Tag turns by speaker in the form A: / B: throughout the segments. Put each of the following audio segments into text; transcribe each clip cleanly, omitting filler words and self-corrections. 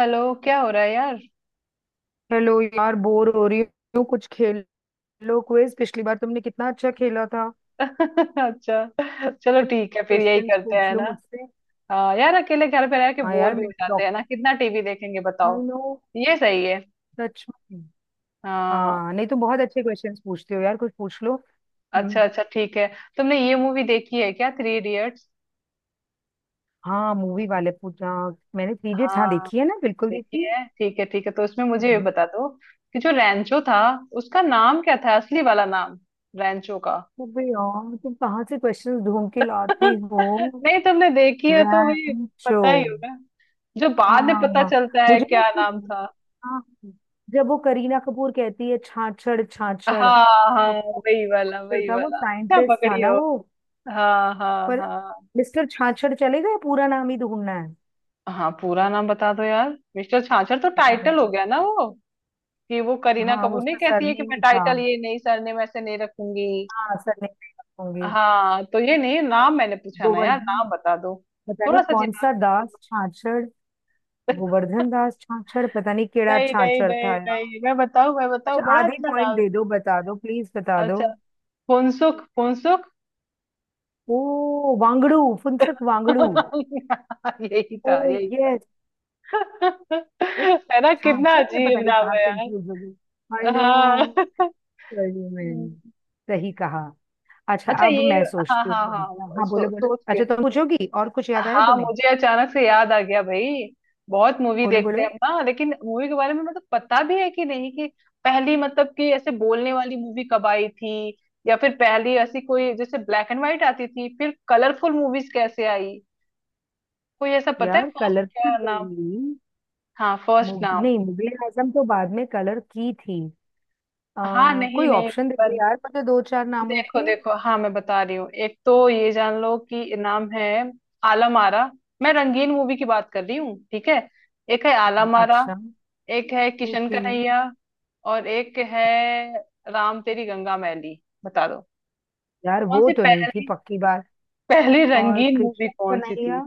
A: Hello, क्या हो रहा है यार?
B: हेलो यार, बोर हो रही हूँ। कुछ खेल लो, क्विज। पिछली बार तुमने कितना अच्छा खेला था।
A: अच्छा चलो,
B: कुछ
A: ठीक है, फिर यही
B: क्वेश्चंस
A: करते
B: पूछ
A: हैं
B: लो
A: ना।
B: मुझसे।
A: हाँ यार, अकेले घर पे रह के
B: हाँ
A: बोर
B: यार,
A: भी
B: मैं
A: हो जाते हैं
B: डॉक्टर
A: ना, कितना टीवी देखेंगे बताओ।
B: नो।
A: ये सही है।
B: सच में।
A: हाँ,
B: हाँ नहीं, तुम बहुत अच्छे क्वेश्चंस पूछते हो यार, कुछ पूछ लो।
A: अच्छा
B: हम्म,
A: अच्छा ठीक है। तुमने ये मूवी देखी है क्या, थ्री इडियट्स?
B: हाँ। मूवी वाले पूछा, मैंने थ्री इडियट्स हाँ
A: हाँ
B: देखी है ना, बिल्कुल देखी
A: देखी
B: है।
A: है, ठीक है ठीक है। तो उसमें मुझे ये
B: हाँ।
A: बता दो कि जो रैंचो था, उसका नाम क्या था, असली वाला नाम, रैंचो का।
B: अबे यार, तुम कहाँ से क्वेश्चंस ढूंढ के लाती हो?
A: नहीं, तुमने देखी है तो भी
B: रैंचो।
A: पता ही होगा, जो बाद में पता
B: हाँ
A: चलता है,
B: मुझे ना
A: क्या नाम था।
B: हाँ, जब वो करीना कपूर कहती है छाछड़ छाछड़,
A: हाँ हाँ,
B: और कौन
A: वही वाला
B: छाछड़
A: वही
B: था? वो
A: वाला, अच्छा
B: साइंटिस्ट था
A: पकड़ी
B: ना
A: हो।
B: वो।
A: हाँ हाँ
B: पर
A: हाँ।
B: मिस्टर छाछड़ चले गए, पूरा नाम ही ढूंढना है।
A: हाँ, पूरा नाम बता दो यार। मिस्टर छाछर तो
B: पता
A: टाइटल हो
B: नहीं।
A: गया ना वो, कि वो करीना
B: हाँ, वो
A: कपूर नहीं
B: उसका
A: कहती है कि
B: सरनेम
A: मैं
B: ही था।
A: टाइटल, ये नहीं सरनेम ऐसे नहीं रखूंगी।
B: हाँ सरनेम होंगे।
A: हाँ तो ये नहीं, नाम मैंने पूछा ना यार,
B: गोवर्धन,
A: नाम बता दो।
B: पता नहीं
A: थोड़ा सा
B: कौन
A: जिला।
B: सा दास छाछड़। गोवर्धन दास छाछड़, पता नहीं केड़ा
A: नहीं नहीं
B: छाछड़
A: नहीं
B: था यार।
A: नहीं, मैं बताऊं मैं
B: अच्छा,
A: बताऊं, बड़ा
B: आधे
A: अच्छा
B: पॉइंट
A: नाम
B: दे दो, बता दो प्लीज, बता
A: था।
B: दो।
A: अच्छा, फुनसुख फुनसुख।
B: ओ वांगड़ू, फुनसुक वांगड़ू।
A: यही
B: ओ
A: था यही।
B: यस।
A: है ना, कितना
B: छाछड़ में पता
A: अजीब
B: नहीं
A: नाम
B: कहाँ
A: है यार।
B: कंफ्यूज हो गई। आई नो,
A: हाँ।
B: सही में।
A: हम्म।
B: सही कहा। अच्छा,
A: अच्छा
B: अब
A: ये।
B: मैं
A: हाँ
B: सोचती हूँ
A: हाँ
B: थोड़ा
A: हाँ,
B: सा। हाँ बोलो बोलो।
A: सोच के।
B: अच्छा, तुम पूछोगी? और कुछ याद आया
A: हाँ,
B: तुम्हें?
A: मुझे अचानक से याद आ गया भाई। बहुत मूवी
B: बोलो
A: देखते हैं
B: बोलो।
A: हम ना, लेकिन मूवी के बारे में मतलब पता भी है कि नहीं, कि पहली, मतलब कि ऐसे बोलने वाली मूवी कब आई थी, या फिर पहली ऐसी कोई, जैसे ब्लैक एंड व्हाइट आती थी, फिर कलरफुल मूवीज कैसे आई। कोई ऐसा पता है
B: यार
A: फर्स्ट क्या
B: कलरफुल
A: नाम।
B: मूवी?
A: हाँ, फर्स्ट नाम।
B: नहीं, मुगले आजम तो बाद में कलर की थी।
A: हाँ नहीं
B: कोई
A: नहीं,
B: ऑप्शन दे दो यार मुझे, दो चार नामों
A: देखो
B: के।
A: देखो, हाँ मैं बता रही हूँ, एक तो ये जान लो कि नाम है आलम आरा। मैं रंगीन मूवी की बात कर रही हूँ, ठीक है। एक है
B: हाँ
A: आलम आरा,
B: अच्छा।
A: एक है किशन
B: ओके।
A: कन्हैया, और एक है राम तेरी गंगा मैली, बता दो
B: यार
A: कौन
B: वो
A: सी
B: तो नहीं थी,
A: पहली।
B: पक्की बात।
A: पहली
B: और
A: रंगीन मूवी
B: कृष्णा
A: कौन सी थी।
B: कन्हैया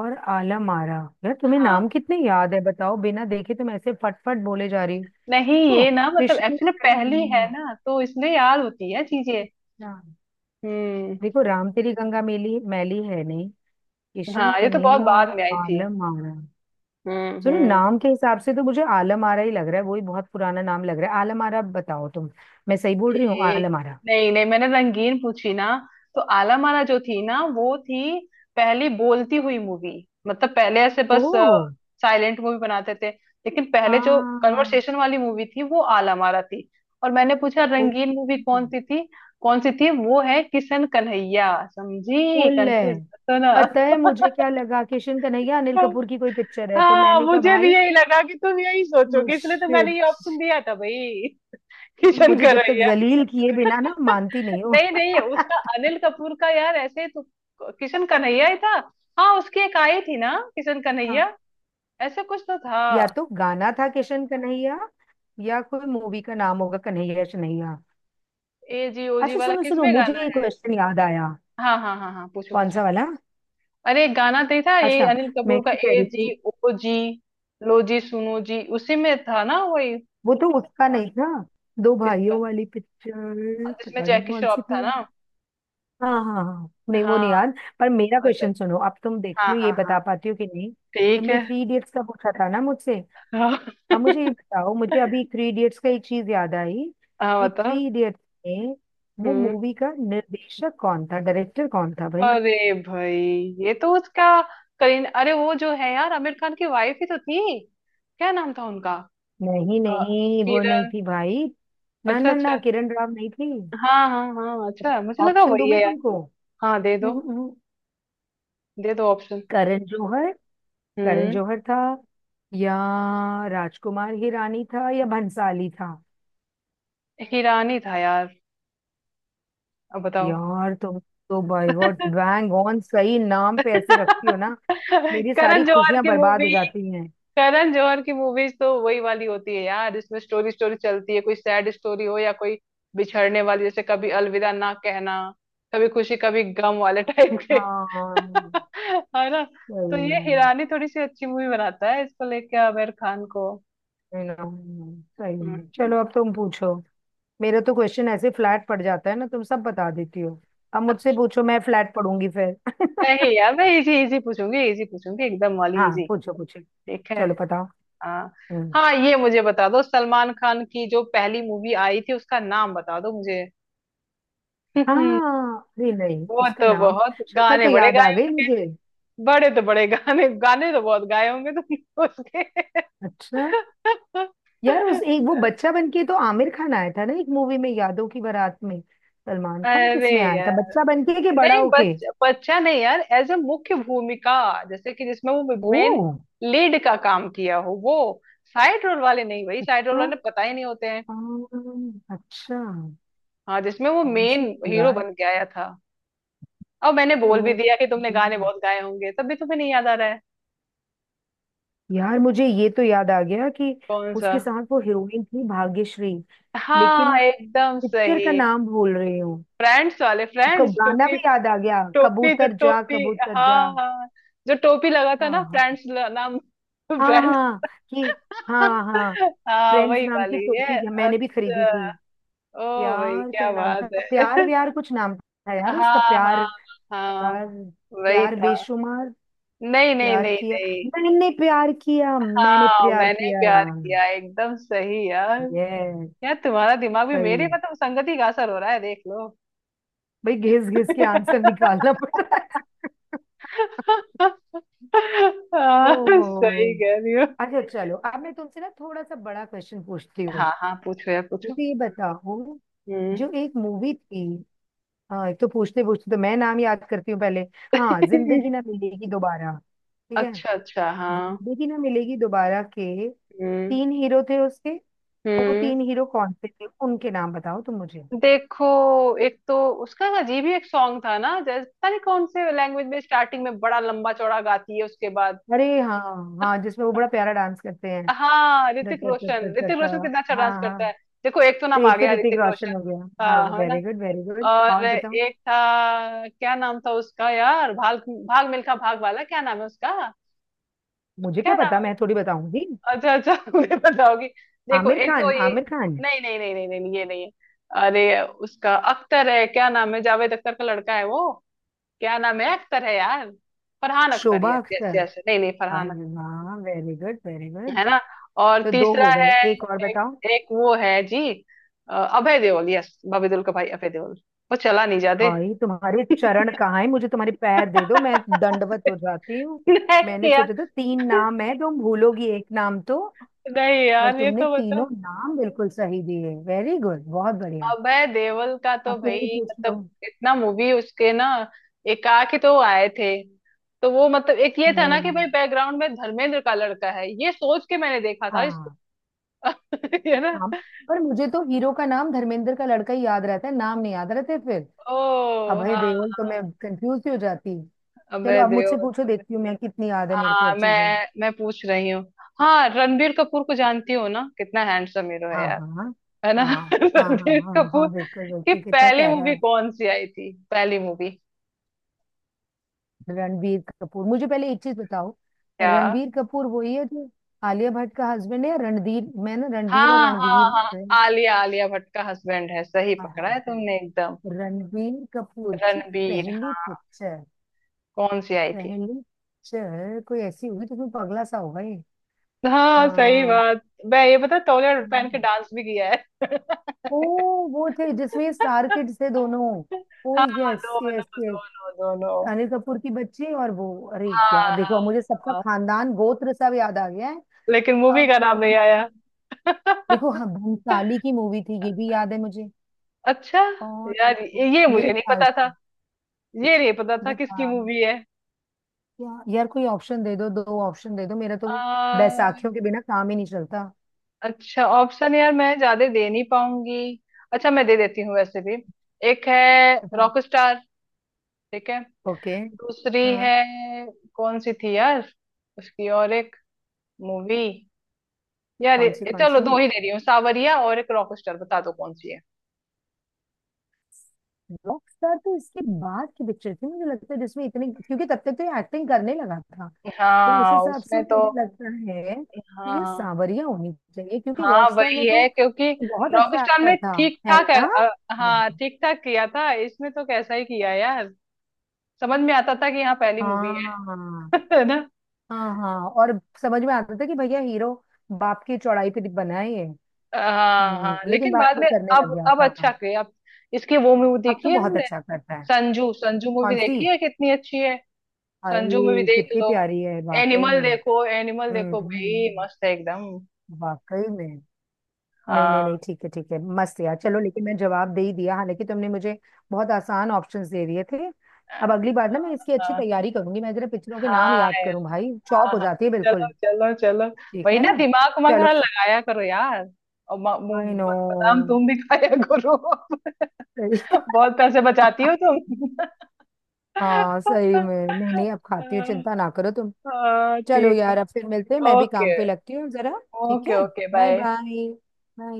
B: और आलम आरा। यार तुम्हें
A: हाँ,
B: नाम कितने याद है, बताओ। बिना देखे तुम ऐसे फटफट बोले जा रही
A: नहीं
B: हो। हाँ,
A: ये ना मतलब
B: कृष्ण
A: एक्चुअली पहली है
B: कन्हैया।
A: ना, तो इसलिए याद होती है चीजें। हम्म।
B: देखो राम तेरी गंगा मेली, मैली है नहीं।
A: हाँ,
B: किशन
A: ये तो बहुत
B: कन्हैया और
A: बाद में आई थी।
B: आलम आरा। सुनो,
A: हम्म।
B: नाम के हिसाब से तो मुझे आलम आरा ही लग रहा है, वही बहुत पुराना नाम लग रहा है आलम आरा। बताओ तुम। मैं सही बोल रही हूँ
A: ये
B: आलम आरा।
A: नहीं नहीं, मैंने रंगीन पूछी ना। तो आला माला जो थी ना, वो थी पहली बोलती हुई मूवी। मतलब पहले ऐसे बस
B: ओ
A: साइलेंट मूवी बनाते थे, लेकिन पहले जो
B: हाँ।
A: कन्वर्सेशन वाली मूवी थी, वो आला माला थी। और मैंने पूछा, रंगीन मूवी
B: ओके,
A: कौन सी थी, कौन सी थी? वो है किशन कन्हैया, समझी
B: बोल रहे
A: कंफ्यूज
B: हैं।
A: तो ना।
B: पता है मुझे क्या लगा? किशन कन्हैया अनिल कपूर की कोई पिक्चर है, तो
A: हाँ,
B: मैंने कहा
A: मुझे भी
B: भाई।
A: यही लगा कि तुम यही
B: ओह
A: सोचोगे, इसलिए तो मैंने
B: शिट।
A: ये ऑप्शन दिया था भाई।
B: तुम
A: किशन
B: मुझे जब तक
A: कन्हैया।
B: जलील किए बिना ना मानती नहीं हो।
A: नहीं नहीं, उसका अनिल कपूर का यार, ऐसे तो किशन कन्हैया ही था। हाँ, उसकी एक आई थी ना किशन
B: हाँ।
A: कन्हैया, ऐसे कुछ तो था।
B: या तो गाना था किशन कन्हैया, या कोई मूवी का नाम होगा कन्हैया कन्हैया।
A: ए जी ओ जी
B: अच्छा
A: वाला
B: सुनो सुनो,
A: किसमें
B: मुझे
A: गाना
B: एक
A: है।
B: क्वेश्चन याद आया।
A: हाँ हाँ हाँ हाँ, पूछो
B: कौन
A: पूछो।
B: सा वाला?
A: अरे एक गाना तो ही था, ये
B: अच्छा,
A: अनिल कपूर
B: मैं
A: का
B: क्या कह
A: ए
B: रही थी?
A: जी ओ जी, लो जी सुनो जी, उसी में था ना वही।
B: वो तो उसका नहीं था, दो
A: किसका,
B: भाइयों वाली पिक्चर,
A: जिसमें
B: पता नहीं
A: जैकी
B: कौन सी
A: श्रॉफ था
B: थी यार।
A: ना।
B: हाँ हाँ हाँ, नहीं वो
A: हाँ,
B: नहीं याद। पर मेरा
A: अच्छा
B: क्वेश्चन
A: अच्छा।
B: सुनो, अब तुम देखती
A: हाँ
B: हो ये,
A: हाँ हाँ,
B: बता पाती हो कि नहीं।
A: ठीक
B: तुमने
A: है।
B: थ्री इडियट्स का पूछा था ना मुझसे।
A: हाँ
B: अब मुझे ये बताओ, मुझे अभी थ्री इडियट्स का एक चीज याद आई
A: हाँ
B: कि
A: बताओ।
B: थ्री इडियट्स में वो
A: हम्म।
B: मूवी का निर्देशक कौन था? डायरेक्टर कौन था भाई?
A: अरे भाई, ये तो उसका करीन, अरे वो जो है यार, आमिर खान की वाइफ ही तो थी, क्या नाम था उनका।
B: नहीं
A: अ,
B: नहीं, वो नहीं
A: किरण।
B: थी भाई। ना
A: अच्छा
B: ना ना,
A: अच्छा।
B: किरण राव नहीं थी।
A: हाँ हाँ हाँ, अच्छा मुझे लगा
B: ऑप्शन दूं
A: वही है
B: मैं
A: यार।
B: तुमको?
A: हाँ दे दो,
B: हम्म, हम्म।
A: दे दो ऑप्शन।
B: करण जौहर। करण
A: हम्म।
B: जौहर था, या राजकुमार हिरानी था, या भंसाली था?
A: हीरानी था यार, अब बताओ।
B: यार तुम तो बाय गॉड बैंग ऑन सही नाम पे ऐसे रखती हो ना, मेरी सारी
A: करण जौहर
B: खुशियां
A: की
B: बर्बाद हो
A: मूवी,
B: जाती हैं।
A: करण जौहर की मूवीज तो वही वाली होती है यार, इसमें स्टोरी स्टोरी चलती है, कोई सैड स्टोरी हो या कोई बिछड़ने वाली, जैसे कभी अलविदा ना कहना, कभी खुशी कभी गम वाले टाइप के।
B: हाँ
A: है ना।
B: सही
A: तो ये
B: में।
A: हिरानी थोड़ी सी अच्छी मूवी बनाता है, इसको लेके आमिर खान को।
B: यू नो सही
A: हम्म,
B: में,
A: हम्म।
B: चलो अब तुम पूछो। मेरा तो क्वेश्चन ऐसे फ्लैट पड़ जाता है ना, तुम सब बता देती हो। अब मुझसे पूछो, मैं फ्लैट पढ़ूंगी फिर।
A: नहीं यार, मैं इजी इजी पूछूंगी, इजी पूछूंगी एकदम वाली
B: हाँ
A: इजी।
B: पूछो पूछो।
A: ठीक है।
B: चलो बताओ।
A: हाँ
B: हम्म
A: हाँ, ये मुझे बता दो, सलमान खान की जो पहली मूवी आई थी, उसका नाम बता दो मुझे।
B: हाँ, अरे नहीं
A: वो
B: उसका
A: तो
B: नाम,
A: बहुत
B: शक्ल
A: गाने
B: तो
A: बड़े
B: याद आ
A: गाए
B: गई
A: होंगे।
B: मुझे।
A: बड़े तो बड़े, गाने गाने तो बहुत गाए होंगे तुमने उसके।
B: अच्छा। यार उस एक वो बच्चा बन के तो आमिर खान आया था ना, एक मूवी में, यादों की बारात में। सलमान खान
A: अरे
B: किस में आया था,
A: यार,
B: बच्चा बन के कि बड़ा
A: नहीं
B: होके?
A: बच्चा नहीं यार, एज ए मुख्य भूमिका, जैसे कि जिसमें वो
B: ओ
A: मेन लीड का काम किया हो वो। साइड रोल वाले नहीं भाई, साइड रोल वाले पता ही नहीं होते हैं।
B: अच्छा।
A: हाँ, जिसमें वो
B: कौन सी
A: मेन हीरो
B: यार?
A: बन के आया था। और मैंने
B: ओ
A: बोल भी दिया कि तुमने गाने बहुत गाए होंगे, तब भी तुम्हें नहीं याद आ रहा है।
B: यार, मुझे ये तो याद आ गया कि
A: कौन सा।
B: उसके साथ वो हीरोइन थी भाग्यश्री।
A: हाँ
B: लेकिन
A: एकदम
B: पिक्चर का
A: सही।
B: नाम भूल रही हूँ।
A: फ्रेंड्स वाले,
B: कब
A: फ्रेंड्स
B: गाना
A: टोपी।
B: भी याद आ गया,
A: टोपी तो
B: कबूतर जा
A: टोपी।
B: कबूतर जा।
A: हाँ हाँ, जो टोपी लगा था
B: हाँ
A: ना
B: हाँ
A: फ्रेंड्स, नाम
B: हाँ
A: फ्रेंड्स।
B: हाँ कि हाँ हाँ।
A: हाँ,
B: फ्रेंड्स
A: वही
B: नाम की
A: वाली
B: टोपी
A: है,
B: मैंने भी खरीदी
A: अच्छा।
B: थी।
A: ओ, भाई
B: यार क्या
A: क्या
B: नाम था,
A: बात
B: प्यार
A: है।
B: व्यार कुछ नाम था यार उसका
A: हाँ हाँ
B: प्यार।
A: हाँ,
B: प्यार,
A: वही
B: प्यार
A: था।
B: बेशुमार,
A: नहीं नहीं
B: प्यार
A: नहीं
B: किया,
A: नहीं।
B: मैंने प्यार किया, मैंने
A: हाँ
B: प्यार
A: मैंने
B: किया।
A: प्यार किया, एकदम सही यार।
B: ये
A: यार तुम्हारा दिमाग भी मेरे
B: सही।
A: मतलब संगति का असर हो रहा है, देख लो।
B: भाई घिस घिस के आंसर निकालना पड़ रहा है।
A: हाँ,
B: ओहो।
A: सही कह रही।
B: अच्छा चलो, अब मैं तुमसे ना थोड़ा सा बड़ा क्वेश्चन पूछती
A: हाँ
B: हूँ।
A: हाँ पूछो यार पूछो।
B: मुझे ये बताओ,
A: हम्म।
B: जो एक मूवी थी, हाँ एक तो, पूछते पूछते तो मैं नाम याद करती हूँ पहले। हाँ, जिंदगी ना मिलेगी दोबारा। ठीक है,
A: अच्छा अच्छा हाँ।
B: जिंदगी ना मिलेगी दोबारा के
A: हम्म
B: तीन हीरो थे उसके। वो
A: हम्म।
B: तीन हीरो कौन से थे, उनके नाम बताओ तुम मुझे।
A: देखो एक तो उसका अजीब ही एक सॉन्ग था ना, जैसे पता नहीं कौन से लैंग्वेज में स्टार्टिंग में बड़ा लंबा चौड़ा गाती है उसके बाद।
B: अरे हाँ, हाँ जिसमें वो बड़ा प्यारा डांस करते हैं।
A: हाँ
B: ट-
A: ऋतिक
B: ट- ट-
A: रोशन,
B: ट- ट-
A: ऋतिक
B: ट-
A: रोशन कितना अच्छा
B: हाँ
A: डांस करता
B: हाँ।
A: है। देखो एक तो
B: तो
A: नाम आ
B: एक तो
A: गया,
B: ऋतिक
A: ऋतिक रोशन।
B: रोशन हो गया। हाँ
A: हाँ है ना।
B: वेरी गुड वेरी गुड,
A: और
B: और बताओ?
A: एक था, क्या नाम था उसका यार, भाग भाग मिल्खा भाग वाला, क्या नाम है उसका।
B: मुझे
A: क्या
B: क्या
A: नाम
B: पता,
A: है।
B: मैं थोड़ी बताऊंगी।
A: अच्छा अच्छा। मुझे बताओगी। देखो
B: आमिर
A: एक तो
B: खान?
A: ये।
B: आमिर खान?
A: नहीं नहीं नहीं नहीं नहीं, ये नहीं है। अरे उसका अख्तर है, क्या नाम है, जावेद अख्तर का लड़का है वो। क्या नाम है, अख्तर है यार। Farhan Akhtar,
B: Shobha
A: yes yes
B: Akhtar?
A: Yes, नहीं नहीं फरहान अख्तर।
B: अरे वाह, वेरी गुड वेरी गुड।
A: है ना। और
B: तो दो
A: तीसरा
B: हो
A: है,
B: गए, एक और
A: एक,
B: बताओ।
A: एक वो है जी। अभय देओल, यस, बॉबी देओल का भाई अभय देओल। वो चला नहीं जाते।
B: भाई तुम्हारे चरण कहाँ है? मुझे तुम्हारे पैर दे दो, मैं दंडवत हो जाती हूँ। मैंने
A: नहीं यार।
B: सोचा था तीन नाम है, तुम भूलोगी एक नाम तो,
A: नहीं
B: और
A: यार ये
B: तुमने
A: तो
B: तीनों
A: बताओ,
B: नाम बिल्कुल सही दिए। वेरी गुड, बहुत बढ़िया।
A: अभय देवल का तो
B: आप तो मुझे
A: भाई
B: पूछ लो।
A: मतलब इतना मूवी उसके ना, एकाकी तो आए थे। तो वो मतलब एक ये था ना कि
B: हम्म
A: भाई बैकग्राउंड में धर्मेंद्र का लड़का है, ये सोच के मैंने देखा था इसको।
B: हाँ
A: है
B: हाँ,
A: ना।
B: पर मुझे तो हीरो का नाम धर्मेंद्र का लड़का ही याद रहता है, नाम नहीं याद रहते फिर।
A: ओ
B: अभय
A: हाँ
B: देओल तो मैं
A: हाँ।
B: कंफ्यूज ही हो जाती। चलो
A: अभय
B: आप मुझसे
A: देओल।
B: पूछो, देखती हूँ मैं कितनी याद है मेरे को
A: हाँ
B: अब चीजें।
A: मैं पूछ रही हूँ। हाँ, रणबीर कपूर को जानती हो ना, कितना हैंडसम हीरो है
B: हाँ
A: यार।
B: हाँ हाँ
A: है ना।
B: हाँ हाँ
A: रणबीर
B: हाँ हाँ
A: कपूर
B: हाँ, बिल्कुल
A: की
B: बिल्कुल, कितना
A: पहली
B: प्यारा
A: मूवी
B: है।
A: कौन सी आई थी, पहली मूवी।
B: रणबीर कपूर, मुझे पहले एक चीज बताओ।
A: क्या।
B: रणबीर कपूर वही है जो आलिया भट्ट का हस्बैंड है, या रणधीर? मैं ना रणबीर और
A: हाँ
B: रणबीर
A: हाँ हाँ,
B: रण-
A: आलिया, आलिया भट्ट का हस्बैंड है, सही
B: हाँ,
A: पकड़ा है
B: husband।
A: तुमने एकदम।
B: रणबीर कपूर की
A: रणबीर,
B: पहली
A: हाँ।
B: पिक्चर,
A: कौन सी आई थी।
B: पहली पिक्चर कोई ऐसी होगी जिसमें पगला सा होगा ये।
A: हाँ सही
B: हाँ।
A: बात। मैं ये पता, तौलिया पहन के
B: हम्म।
A: डांस भी किया है।
B: ओ वो थे जिसमें स्टार किड्स थे दोनों। ओ
A: हाँ,
B: यस
A: दोनों
B: यस यस।
A: दोनों दोनों।
B: अनिल कपूर की बच्ची और वो। अरे यार
A: हाँ हाँ
B: देखो, अब मुझे सबका
A: हाँ,
B: खानदान गोत्र सब याद आ गया है।
A: लेकिन मूवी का नाम
B: अब
A: नहीं आया।
B: देखो, हाँ, भंसाली की मूवी थी ये भी याद है मुझे।
A: अच्छा।
B: और
A: यार ये
B: मेरे
A: मुझे नहीं
B: ख्याल
A: पता था,
B: से
A: ये नहीं पता था
B: बता।
A: किसकी मूवी है।
B: क्या यार, कोई ऑप्शन दे दो, दो ऑप्शन दे दो, मेरा तो
A: आ,
B: बैसाखियों के बिना काम ही नहीं चलता।
A: अच्छा ऑप्शन यार, मैं ज्यादा दे नहीं पाऊंगी। अच्छा मैं दे देती हूँ वैसे भी। एक है
B: बताओ।
A: रॉक स्टार, ठीक है।
B: ओके।
A: दूसरी है कौन सी थी यार उसकी, और एक मूवी, यार
B: कौन सी कौन
A: चलो
B: सी?
A: दो ही दे रही हूँ, सावरिया और एक रॉक स्टार, बता दो कौन सी है।
B: रॉकस्टार तो इसके बाद की पिक्चर थी मुझे लगता है, जिसमें इतने, क्योंकि तब तक तो ये एक्टिंग करने लगा था। तो उस
A: हाँ,
B: हिसाब से
A: उसमें तो।
B: मुझे लगता है
A: हाँ
B: कि ये
A: हाँ
B: सांवरिया होनी चाहिए, क्योंकि
A: हाँ
B: रॉकस्टार
A: वही
B: में तो
A: है क्योंकि
B: बहुत
A: रॉक
B: अच्छा
A: स्टार
B: एक्टर
A: में
B: था,
A: ठीक
B: है
A: ठाक है,
B: ना?
A: अ,
B: वाह।
A: हाँ ठीक ठाक किया था, इसमें तो कैसा ही किया यार। समझ में आता था कि हाँ पहली मूवी है।
B: हाँ
A: है ना।
B: हाँ हाँ, और समझ में आता था कि भैया हीरो बाप की चौड़ाई पे बना है ये।
A: हाँ हाँ
B: लेकिन
A: लेकिन
B: बाद
A: बाद
B: में
A: में,
B: करने लग गया
A: अब अच्छा
B: था।
A: किए अब। इसकी वो मूवी
B: अब
A: देखी
B: तो
A: है
B: बहुत
A: तुमने,
B: अच्छा करता है।
A: संजू, संजू मूवी
B: कौन सी?
A: देखी है, कितनी अच्छी है। संजू मूवी
B: अरे
A: देख
B: कितनी
A: लो।
B: प्यारी है वाकई
A: एनिमल
B: में।
A: देखो, एनिमल
B: हम्म
A: देखो भाई,
B: हम्म,
A: मस्त है एकदम।
B: वाकई में। नहीं नहीं नहीं,
A: हाँ
B: ठीक है ठीक है, मस्त यार। चलो, लेकिन मैं जवाब दे ही दिया, हालांकि तुमने मुझे बहुत आसान ऑप्शंस दे दिए थे।
A: हाँ
B: अब अगली बार ना मैं इसकी अच्छी
A: हाँ।
B: तैयारी करूंगी, मैं जरा पिक्चरों के नाम
A: हाँ
B: याद
A: यार,
B: करूं, भाई
A: हाँ
B: चौप हो
A: हाँ।
B: जाती है
A: चलो
B: बिल्कुल।
A: चलो चलो।
B: ठीक
A: वही
B: है
A: ना,
B: ना?
A: दिमाग उमाग
B: चलो।
A: थोड़ा लगाया करो यार। और
B: आई नो,
A: बादाम तुम भी खाया करो।
B: सही।
A: बहुत पैसे बचाती हो तुम।
B: हाँ सही में, नहीं नहीं, अब खाती हूँ,
A: हाँ,
B: चिंता ना करो तुम।
A: हाँ,
B: चलो
A: ठीक।
B: यार, अब फिर मिलते हैं, मैं भी
A: ओके
B: काम पे लगती हूँ जरा। ठीक
A: ओके
B: है,
A: okay
B: bye
A: bye.
B: Bye. Bye.